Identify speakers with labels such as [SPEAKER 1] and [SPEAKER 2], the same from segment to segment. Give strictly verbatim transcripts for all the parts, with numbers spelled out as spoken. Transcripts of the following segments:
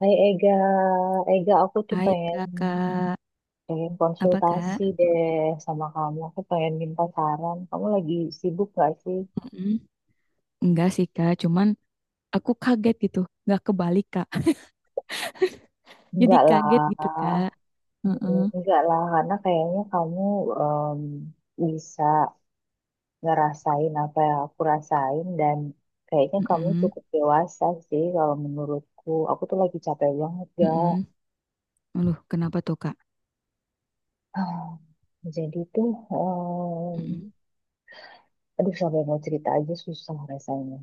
[SPEAKER 1] Hai Ega, Ega aku tuh
[SPEAKER 2] Hai
[SPEAKER 1] pengen
[SPEAKER 2] kakak,
[SPEAKER 1] pengen
[SPEAKER 2] apa
[SPEAKER 1] konsultasi
[SPEAKER 2] kak?
[SPEAKER 1] deh sama kamu. Aku pengen minta saran. Kamu lagi sibuk gak sih?
[SPEAKER 2] Mm, Enggak sih kak, cuman aku kaget gitu, nggak kebalik kak. Jadi
[SPEAKER 1] Enggak lah.
[SPEAKER 2] kaget gitu kak.
[SPEAKER 1] Mm,
[SPEAKER 2] Heeh.
[SPEAKER 1] enggak lah. Karena kayaknya kamu em, bisa ngerasain apa yang aku rasain dan kayaknya kamu
[SPEAKER 2] Mm-mm.
[SPEAKER 1] cukup dewasa sih kalau menurutku. Aku tuh lagi capek banget gak.
[SPEAKER 2] Mm-mm. Aduh, kenapa tuh kak?
[SPEAKER 1] Jadi tuh, em,
[SPEAKER 2] Mm-mm.
[SPEAKER 1] aduh sampai mau cerita aja susah rasanya.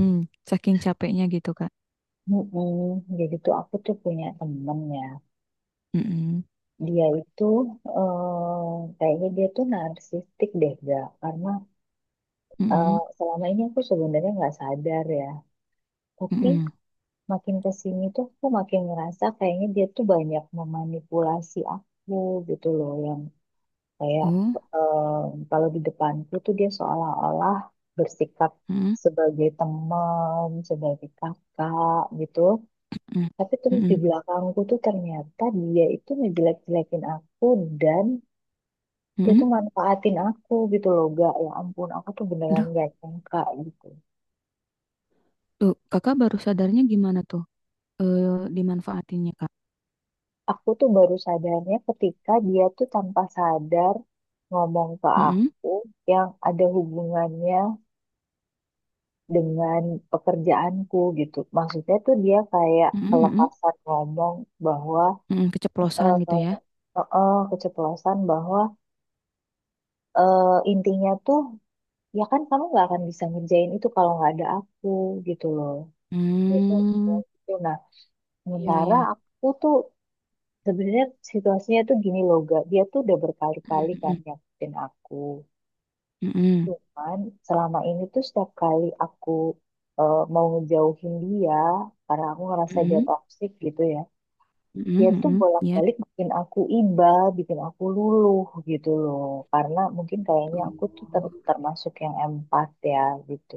[SPEAKER 2] Mm, Saking capeknya gitu kak.
[SPEAKER 1] Mm-mm. Jadi tuh aku tuh punya temen ya.
[SPEAKER 2] Mm-mm.
[SPEAKER 1] Dia itu eh, kayaknya dia tuh narsistik deh gak. Karena eh,
[SPEAKER 2] Mm-mm.
[SPEAKER 1] selama ini aku sebenarnya nggak sadar ya. Tapi
[SPEAKER 2] Mm-mm.
[SPEAKER 1] makin kesini tuh aku makin ngerasa kayaknya dia tuh banyak memanipulasi aku gitu loh. Yang kayak
[SPEAKER 2] Oh.
[SPEAKER 1] eh, kalau di depanku tuh dia seolah-olah bersikap
[SPEAKER 2] Mm-mm.
[SPEAKER 1] sebagai teman, sebagai kakak gitu.
[SPEAKER 2] Mm-mm.
[SPEAKER 1] Tapi terus di
[SPEAKER 2] Mm-mm.
[SPEAKER 1] belakangku tuh ternyata dia itu ngejelek-jelekin aku dan dia
[SPEAKER 2] Mm-mm.
[SPEAKER 1] tuh manfaatin aku gitu loh gak. Ya ampun aku tuh beneran
[SPEAKER 2] Aduh,
[SPEAKER 1] gak nyangka gitu.
[SPEAKER 2] tuh kakak baru sadarnya gimana tuh? Eh, dimanfaatinnya kak?
[SPEAKER 1] Aku tuh baru sadarnya ketika dia tuh tanpa sadar ngomong ke
[SPEAKER 2] Mm-mm.
[SPEAKER 1] aku yang ada hubungannya dengan pekerjaanku gitu. Maksudnya tuh dia kayak
[SPEAKER 2] Mm-mm. Mm-mm.
[SPEAKER 1] kelepasan ngomong bahwa
[SPEAKER 2] Mm-mm. Keceplosan
[SPEAKER 1] eh
[SPEAKER 2] gitu ya?
[SPEAKER 1] eh, eh, keceplosan bahwa, eh, intinya tuh ya kan kamu nggak akan bisa ngerjain itu kalau nggak ada aku gitu loh itu
[SPEAKER 2] Hmm,
[SPEAKER 1] gitu. Nah,
[SPEAKER 2] iya
[SPEAKER 1] sementara
[SPEAKER 2] ya.
[SPEAKER 1] aku tuh sebenarnya situasinya tuh gini loh gak, dia tuh udah berkali-kali kan
[SPEAKER 2] Mm-mm.
[SPEAKER 1] nyakitin aku
[SPEAKER 2] Mm-mm.
[SPEAKER 1] cuman selama ini tuh setiap kali aku eh, mau ngejauhin dia karena aku ngerasa dia
[SPEAKER 2] Mhm,
[SPEAKER 1] toksik gitu ya, dia
[SPEAKER 2] mhm,
[SPEAKER 1] tuh
[SPEAKER 2] mhm, ya.
[SPEAKER 1] bolak-balik bikin aku iba bikin aku luluh gitu loh karena mungkin kayaknya aku tuh
[SPEAKER 2] Oh,
[SPEAKER 1] ter- termasuk yang empat ya gitu.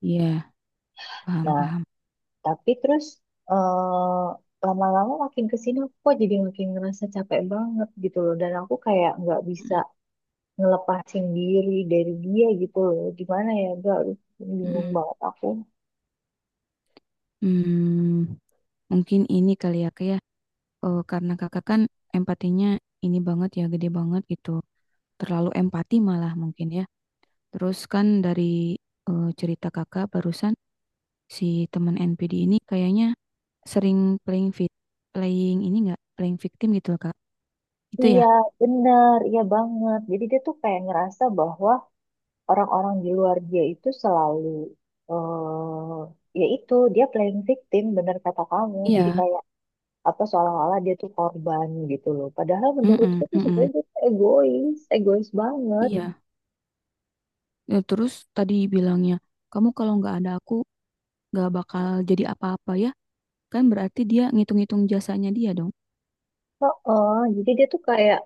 [SPEAKER 2] iya, paham,
[SPEAKER 1] Nah,
[SPEAKER 2] paham.
[SPEAKER 1] tapi terus eh, lama-lama makin kesini aku kok jadi makin ngerasa capek banget gitu loh. Dan aku kayak nggak bisa
[SPEAKER 2] Mhm,
[SPEAKER 1] ngelepasin diri dari dia gitu loh. Gimana ya, gak, bingung
[SPEAKER 2] mhm.
[SPEAKER 1] banget aku.
[SPEAKER 2] Hmm, mungkin ini kali ya, Kak, ya. Eh, karena kakak kan empatinya ini banget ya, gede banget gitu. Terlalu empati malah mungkin ya. Terus kan dari eh, cerita kakak barusan si teman N P D ini kayaknya sering playing fit, playing ini enggak, playing victim gitu, Kak. Itu ya?
[SPEAKER 1] Iya, bener, iya banget. Jadi dia tuh kayak ngerasa bahwa orang-orang di luar dia itu selalu, eh ya itu, dia playing victim, bener kata kamu. Jadi
[SPEAKER 2] Iya.
[SPEAKER 1] kayak atau seolah-olah dia tuh korban gitu loh. Padahal menurutku
[SPEAKER 2] Mm-mm,
[SPEAKER 1] tuh
[SPEAKER 2] mm-mm.
[SPEAKER 1] sebenarnya dia tuh egois, egois banget.
[SPEAKER 2] Iya. Ya, terus tadi bilangnya, kamu kalau nggak ada aku nggak bakal jadi apa-apa ya. Kan berarti dia ngitung-ngitung jasanya dia dong.
[SPEAKER 1] Oh jadi dia tuh kayak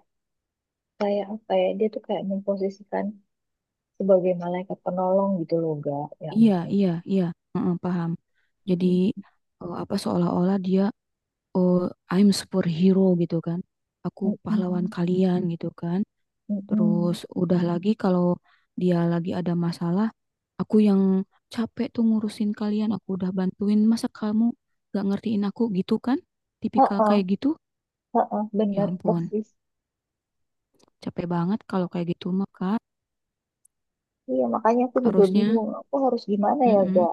[SPEAKER 1] kayak apa ya? Dia tuh kayak memposisikan sebagai malaikat penolong gitu loh, gak? Ya
[SPEAKER 2] Iya,
[SPEAKER 1] ampun.
[SPEAKER 2] iya, iya. Heeh, paham. Jadi eh, apa seolah-olah dia oh I'm superhero gitu kan. Aku pahlawan
[SPEAKER 1] Mm-mm,
[SPEAKER 2] kalian gitu kan. Terus
[SPEAKER 1] mm-mm.
[SPEAKER 2] udah lagi kalau dia lagi ada masalah, aku yang capek tuh ngurusin kalian, aku udah bantuin, masa kamu gak ngertiin aku gitu kan? Tipikal
[SPEAKER 1] Heeh,
[SPEAKER 2] kayak gitu?
[SPEAKER 1] heeh,
[SPEAKER 2] Ya
[SPEAKER 1] bener
[SPEAKER 2] ampun,
[SPEAKER 1] persis.
[SPEAKER 2] capek banget kalau kayak gitu mah Kak,
[SPEAKER 1] Iya, makanya aku juga
[SPEAKER 2] harusnya.
[SPEAKER 1] bingung. Aku harus gimana ya,
[SPEAKER 2] Mm-mm.
[SPEAKER 1] gak?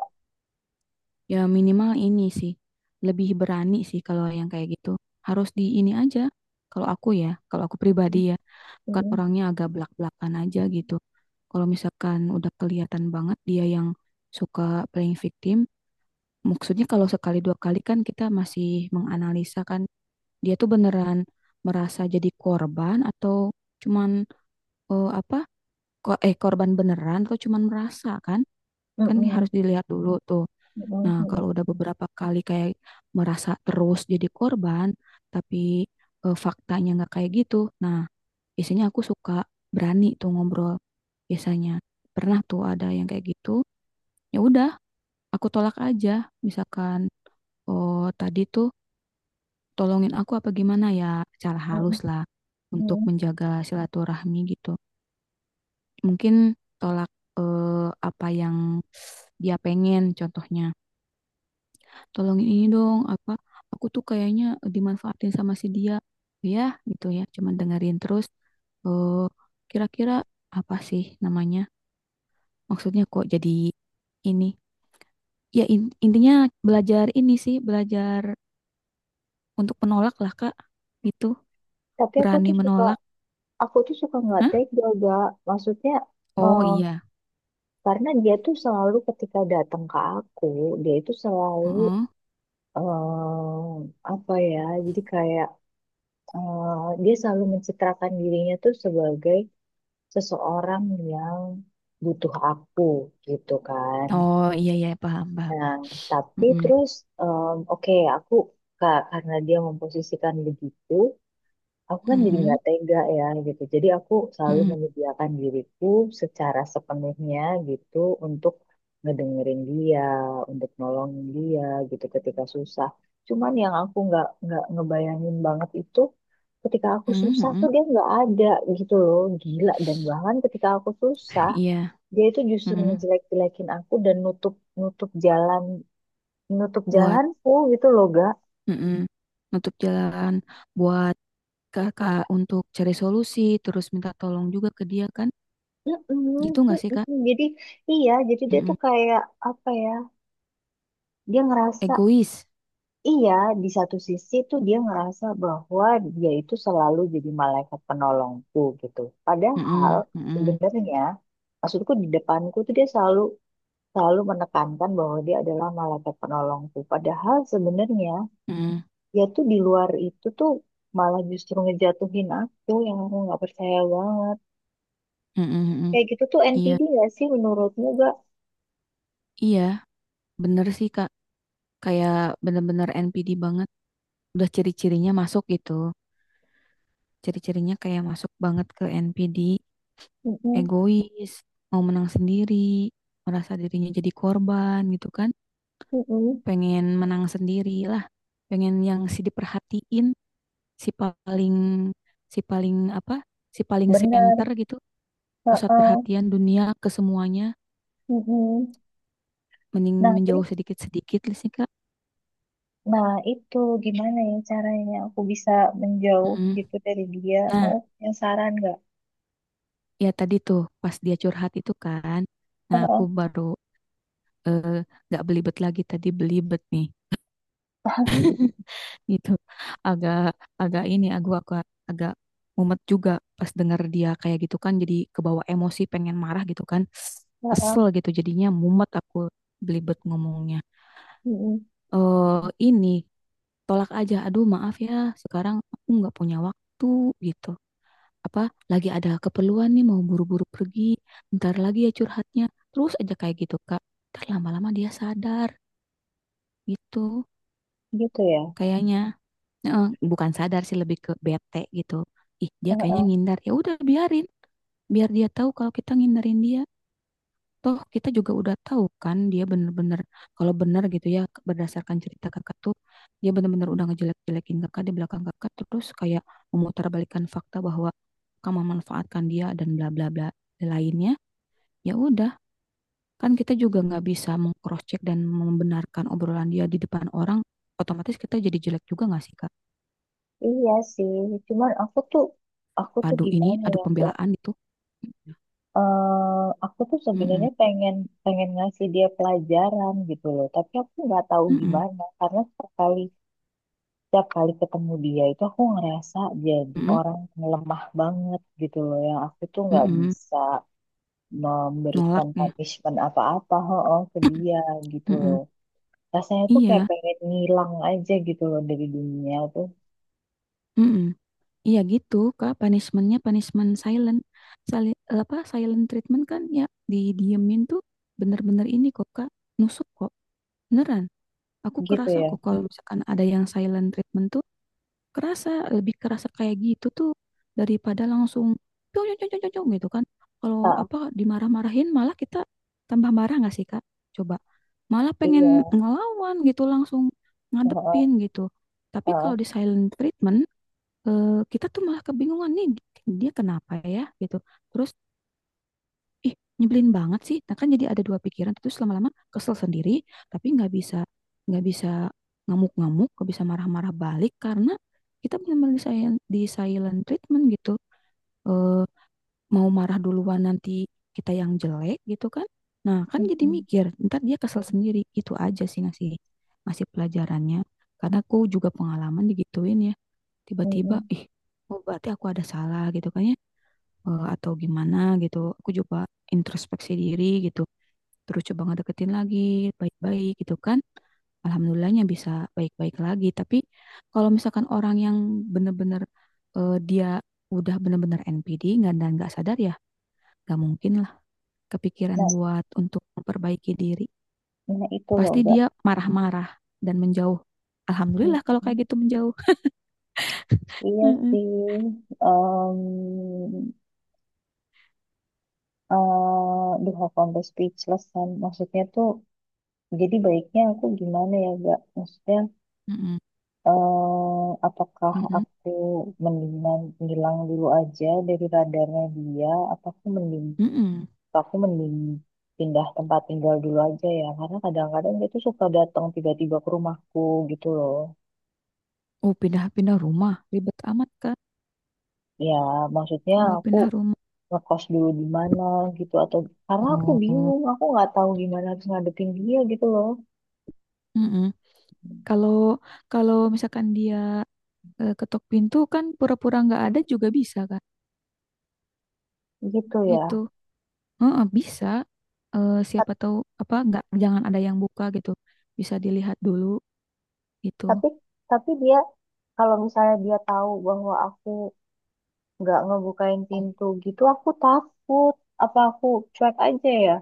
[SPEAKER 2] Ya minimal ini sih, lebih berani sih kalau yang kayak gitu. Harus di ini aja, kalau aku ya, kalau aku pribadi ya, kan
[SPEAKER 1] Mm-mm,
[SPEAKER 2] orangnya agak belak-belakan aja gitu. Kalau misalkan udah kelihatan banget dia yang suka playing victim, maksudnya kalau sekali dua kali kan kita masih menganalisa kan, dia tuh beneran merasa jadi korban atau cuman eh, apa, ko- eh korban beneran atau cuman merasa kan, kan
[SPEAKER 1] mm-mm,
[SPEAKER 2] harus dilihat dulu tuh.
[SPEAKER 1] mm-mm,
[SPEAKER 2] Nah, kalau
[SPEAKER 1] mm-mm,
[SPEAKER 2] udah beberapa kali kayak merasa terus jadi korban, tapi eh, faktanya nggak kayak gitu. Nah, biasanya aku suka berani tuh ngobrol. Biasanya pernah tuh ada yang kayak gitu. Ya udah, aku tolak aja. Misalkan, oh tadi tuh tolongin aku apa gimana ya, secara halus
[SPEAKER 1] mm-mm,
[SPEAKER 2] lah untuk
[SPEAKER 1] mm-mm.
[SPEAKER 2] menjaga silaturahmi gitu. Mungkin tolak eh, apa yang dia pengen, contohnya. Tolongin ini dong apa aku tuh kayaknya dimanfaatin sama si dia ya gitu ya cuman dengerin terus eh kira-kira apa sih namanya maksudnya kok jadi ini ya in- intinya belajar ini sih belajar untuk menolak lah Kak gitu
[SPEAKER 1] Tapi aku
[SPEAKER 2] berani
[SPEAKER 1] tuh suka,
[SPEAKER 2] menolak.
[SPEAKER 1] aku tuh suka nggak
[SPEAKER 2] Hah?
[SPEAKER 1] tega, gak? Maksudnya,
[SPEAKER 2] Oh
[SPEAKER 1] eh,
[SPEAKER 2] iya.
[SPEAKER 1] karena dia tuh selalu ketika datang ke aku, dia itu selalu,
[SPEAKER 2] Heeh.
[SPEAKER 1] em, apa ya, jadi kayak, eh, dia selalu mencitrakan dirinya tuh sebagai seseorang yang butuh aku gitu kan.
[SPEAKER 2] Oh iya iya paham paham.
[SPEAKER 1] Nah, tapi
[SPEAKER 2] Mm-mm.
[SPEAKER 1] terus, em, oke aku, ka- karena dia memposisikan begitu, aku kan jadi
[SPEAKER 2] Mm-mm.
[SPEAKER 1] nggak tega ya gitu. Jadi aku selalu
[SPEAKER 2] Mm-mm.
[SPEAKER 1] menyediakan diriku secara sepenuhnya gitu untuk ngedengerin dia, untuk nolongin dia gitu ketika susah. Cuman yang aku nggak nggak ngebayangin banget itu ketika aku susah tuh
[SPEAKER 2] Mm-mm.
[SPEAKER 1] dia nggak ada gitu loh, gila. Dan bahkan ketika aku susah
[SPEAKER 2] Iya.
[SPEAKER 1] dia itu justru
[SPEAKER 2] Mm-mm.
[SPEAKER 1] ngejelek-jelekin aku dan nutup nutup jalan nutup
[SPEAKER 2] Buat
[SPEAKER 1] jalanku gitu loh, Ga.
[SPEAKER 2] mm-mm. Nutup jalan buat kakak untuk cari solusi terus minta tolong juga ke dia kan
[SPEAKER 1] Mm-mm,
[SPEAKER 2] gitu nggak sih kak.
[SPEAKER 1] mm-mm. Jadi iya, jadi dia tuh
[SPEAKER 2] Mm-mm.
[SPEAKER 1] kayak apa ya? Dia ngerasa
[SPEAKER 2] Egois.
[SPEAKER 1] iya, di satu sisi tuh dia ngerasa bahwa dia itu selalu jadi malaikat penolongku gitu. Padahal
[SPEAKER 2] Mm-mm, mm-mm,
[SPEAKER 1] sebenarnya maksudku di depanku tuh dia selalu selalu menekankan bahwa dia adalah malaikat penolongku. Padahal sebenarnya
[SPEAKER 2] mm-mm,
[SPEAKER 1] dia tuh di luar itu tuh malah justru ngejatuhin aku yang aku nggak percaya banget.
[SPEAKER 2] mm-mm, mm-mm.
[SPEAKER 1] Kayak gitu tuh
[SPEAKER 2] Iya,
[SPEAKER 1] N P D gak sih menurutmu gak?
[SPEAKER 2] iya, bener sih kak, kayak bener-bener N P D banget, udah ciri-cirinya masuk gitu, ciri-cirinya kayak masuk banget ke N P D.
[SPEAKER 1] Mm-mm,
[SPEAKER 2] Egois, mau menang sendiri, merasa dirinya jadi korban gitu kan,
[SPEAKER 1] mm-mm.
[SPEAKER 2] pengen menang sendiri lah, pengen yang si diperhatiin, si paling, si paling apa, si paling center
[SPEAKER 1] Bener,
[SPEAKER 2] gitu, pusat
[SPEAKER 1] heeh,
[SPEAKER 2] perhatian dunia ke semuanya.
[SPEAKER 1] mm-mm.
[SPEAKER 2] Mending
[SPEAKER 1] Nah,
[SPEAKER 2] menjauh
[SPEAKER 1] terus,
[SPEAKER 2] sedikit-sedikit lah sih Kak.
[SPEAKER 1] nah itu gimana ya caranya aku bisa menjauh
[SPEAKER 2] Mm.
[SPEAKER 1] gitu dari dia?
[SPEAKER 2] Nah
[SPEAKER 1] Kamu punya saran nggak?
[SPEAKER 2] ya tadi tuh pas dia curhat itu kan nah aku
[SPEAKER 1] Heeh,
[SPEAKER 2] baru eh, nggak belibet lagi tadi belibet nih gitu agak agak ini aku aku agak mumet juga pas dengar dia kayak gitu kan jadi kebawa emosi pengen marah gitu kan
[SPEAKER 1] heeh,
[SPEAKER 2] kesel gitu jadinya mumet aku belibet ngomongnya
[SPEAKER 1] mm-mm.
[SPEAKER 2] eh ini tolak aja aduh maaf ya sekarang aku nggak punya waktu gitu apa lagi ada keperluan nih mau buru-buru pergi ntar lagi ya curhatnya terus aja kayak gitu Kak ntar lama-lama dia sadar gitu
[SPEAKER 1] Gitu ya.
[SPEAKER 2] kayaknya. Eh, bukan sadar sih lebih ke bete gitu, ih dia kayaknya
[SPEAKER 1] Heeh.
[SPEAKER 2] ngindar ya udah biarin biar dia tahu kalau kita ngindarin dia. Toh kita juga udah tahu kan dia bener-bener, kalau bener gitu ya berdasarkan cerita kakak tuh dia bener-bener udah ngejelek-jelekin kakak di belakang kakak terus kayak memutarbalikkan fakta bahwa kamu memanfaatkan dia dan bla bla bla lainnya. Ya udah, kan kita juga nggak bisa mengcross check dan membenarkan obrolan dia di depan orang. Otomatis kita jadi jelek juga nggak sih kak?
[SPEAKER 1] Iya sih, cuman aku tuh, aku tuh
[SPEAKER 2] Adu ini,
[SPEAKER 1] gimana
[SPEAKER 2] adu
[SPEAKER 1] ya nggak?
[SPEAKER 2] pembelaan itu.
[SPEAKER 1] Eh aku tuh
[SPEAKER 2] Mm-mm.
[SPEAKER 1] sebenarnya pengen pengen ngasih dia pelajaran gitu loh, tapi aku nggak tahu
[SPEAKER 2] Mm-mm.
[SPEAKER 1] gimana karena sekali setiap kali ketemu dia itu aku ngerasa jadi
[SPEAKER 2] Mm-mm.
[SPEAKER 1] orang yang lemah banget gitu loh. Yang aku tuh nggak
[SPEAKER 2] Mm-mm.
[SPEAKER 1] bisa
[SPEAKER 2] Nolak
[SPEAKER 1] memberikan
[SPEAKER 2] ya.
[SPEAKER 1] punishment apa-apa, oh, ke dia gitu loh.
[SPEAKER 2] Mm-mm.
[SPEAKER 1] Rasanya tuh kayak
[SPEAKER 2] Iya.
[SPEAKER 1] pengen ngilang aja gitu loh dari dunia tuh.
[SPEAKER 2] Mm-mm. Iya gitu, Kak. Punishment-nya punishment silent. Sali- apa silent treatment kan ya didiemin tuh bener-bener ini kok, Kak. Nusuk kok. Beneran. Aku
[SPEAKER 1] Gitu
[SPEAKER 2] kerasa
[SPEAKER 1] ya.
[SPEAKER 2] kok kalau misalkan ada yang silent treatment tuh kerasa lebih kerasa kayak gitu tuh daripada langsung "Pyong, pyong, pyong, pyong, pyong," gitu kan. Kalau
[SPEAKER 1] Ah,
[SPEAKER 2] apa dimarah-marahin malah kita tambah marah nggak sih, Kak? Coba. Malah pengen
[SPEAKER 1] iya.
[SPEAKER 2] ngelawan gitu langsung
[SPEAKER 1] Heeh,
[SPEAKER 2] ngadepin gitu. Tapi
[SPEAKER 1] heeh.
[SPEAKER 2] kalau di silent treatment eh, kita tuh malah kebingungan nih dia kenapa ya gitu terus ih nyebelin banget sih nah kan jadi ada dua pikiran terus lama-lama kesel sendiri tapi nggak bisa nggak bisa ngamuk-ngamuk nggak bisa marah-marah balik karena kita benar-benar di silent, di silent treatment gitu. Eh, mau marah duluan nanti kita yang jelek gitu kan nah kan jadi
[SPEAKER 1] Mm-mm,
[SPEAKER 2] mikir ntar dia kesel sendiri itu aja sih ngasih ngasih pelajarannya karena aku juga pengalaman digituin tiba-tiba
[SPEAKER 1] mm-mm.
[SPEAKER 2] ih oh berarti aku ada salah gitu kan ya. Eh, atau gimana gitu aku coba introspeksi diri gitu terus coba ngedeketin lagi baik-baik gitu kan alhamdulillahnya bisa baik-baik lagi tapi kalau misalkan orang yang bener-bener eh, dia udah bener-bener N P D nggak dan nggak sadar ya nggak mungkin lah kepikiran
[SPEAKER 1] Nah,
[SPEAKER 2] buat untuk memperbaiki diri
[SPEAKER 1] nah itu loh
[SPEAKER 2] pasti
[SPEAKER 1] enggak.
[SPEAKER 2] dia marah-marah dan menjauh alhamdulillah kalau kayak gitu menjauh.
[SPEAKER 1] Iya
[SPEAKER 2] Mm-mm.
[SPEAKER 1] sih. Um, eh Duh, aku sampai speechless kan. Maksudnya tuh jadi baiknya aku gimana ya, Gak? Maksudnya,
[SPEAKER 2] Mm-mm,
[SPEAKER 1] eh, apakah
[SPEAKER 2] mm-mm,
[SPEAKER 1] aku mendingan ngilang dulu aja dari radarnya dia? Apa aku mending,
[SPEAKER 2] mm-mm.
[SPEAKER 1] apa aku mending pindah tempat tinggal dulu aja ya? Karena kadang-kadang dia tuh suka datang tiba-tiba ke rumahku gitu loh.
[SPEAKER 2] Oh, pindah-pindah rumah. Ribet amat kan
[SPEAKER 1] Ya, maksudnya
[SPEAKER 2] kalau
[SPEAKER 1] aku
[SPEAKER 2] pindah rumah.
[SPEAKER 1] ngekos dulu di mana gitu atau karena aku
[SPEAKER 2] Oh,
[SPEAKER 1] bingung, aku nggak tahu gimana harus ngadepin dia gitu loh.
[SPEAKER 2] mm-mm. Kalau kalau misalkan dia eh, ketok pintu kan pura-pura nggak ada juga bisa kan?
[SPEAKER 1] Gitu ya.
[SPEAKER 2] Gitu. Heeh, bisa. Eh,
[SPEAKER 1] Ta-
[SPEAKER 2] siapa tahu apa nggak jangan ada yang buka gitu. Bisa dilihat dulu gitu.
[SPEAKER 1] Tapi tapi dia, kalau misalnya dia tahu bahwa aku nggak ngebukain
[SPEAKER 2] Oh.
[SPEAKER 1] pintu gitu aku takut, apa aku cuek aja ya.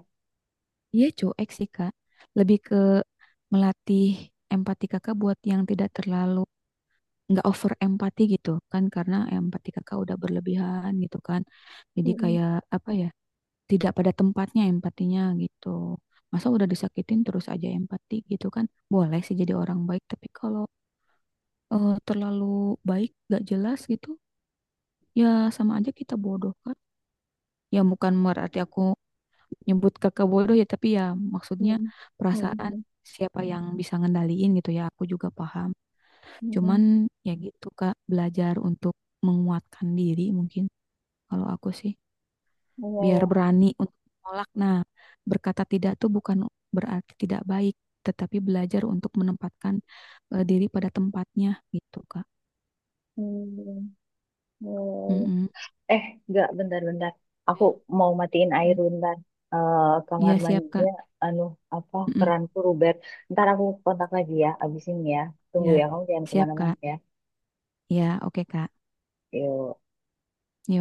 [SPEAKER 2] Iya cuek sih Kak. Lebih ke melatih empati Kakak buat yang tidak terlalu nggak over empati gitu kan karena empati Kakak udah berlebihan gitu kan. Jadi
[SPEAKER 1] Mm-mm,
[SPEAKER 2] kayak apa ya? Tidak pada tempatnya empatinya gitu. Masa udah disakitin terus aja empati gitu kan. Boleh sih jadi orang baik, tapi kalau eh, terlalu baik gak jelas gitu, ya sama aja kita bodoh kan. Ya bukan berarti aku nyebut kakak bodoh ya, tapi ya maksudnya
[SPEAKER 1] mm-mm,
[SPEAKER 2] perasaan
[SPEAKER 1] mm-mm,
[SPEAKER 2] siapa yang bisa ngendaliin gitu ya, aku juga paham. Cuman
[SPEAKER 1] mm-mm.
[SPEAKER 2] ya gitu Kak, belajar untuk menguatkan diri mungkin kalau aku sih.
[SPEAKER 1] Iya
[SPEAKER 2] Biar
[SPEAKER 1] ya.
[SPEAKER 2] berani untuk menolak. Nah, berkata tidak tuh bukan berarti tidak baik, tetapi belajar untuk menempatkan eh, diri pada tempatnya gitu, Kak.
[SPEAKER 1] Hmm, iya, iya, iya.
[SPEAKER 2] Mm-mm.
[SPEAKER 1] eh nggak bentar-bentar,
[SPEAKER 2] Ya,
[SPEAKER 1] aku mau matiin air
[SPEAKER 2] mm-mm.
[SPEAKER 1] bentar. Eh, kamar
[SPEAKER 2] Iya, siap, Kak.
[SPEAKER 1] mandinya anu apa
[SPEAKER 2] Mm-mm.
[SPEAKER 1] keranku Ruber, ntar aku kontak lagi ya abis ini ya, tunggu
[SPEAKER 2] Ya,
[SPEAKER 1] ya kamu jangan
[SPEAKER 2] siap,
[SPEAKER 1] kemana-mana
[SPEAKER 2] Kak.
[SPEAKER 1] ya.
[SPEAKER 2] Ya, oke, Kak.
[SPEAKER 1] Yuk.
[SPEAKER 2] Yuk.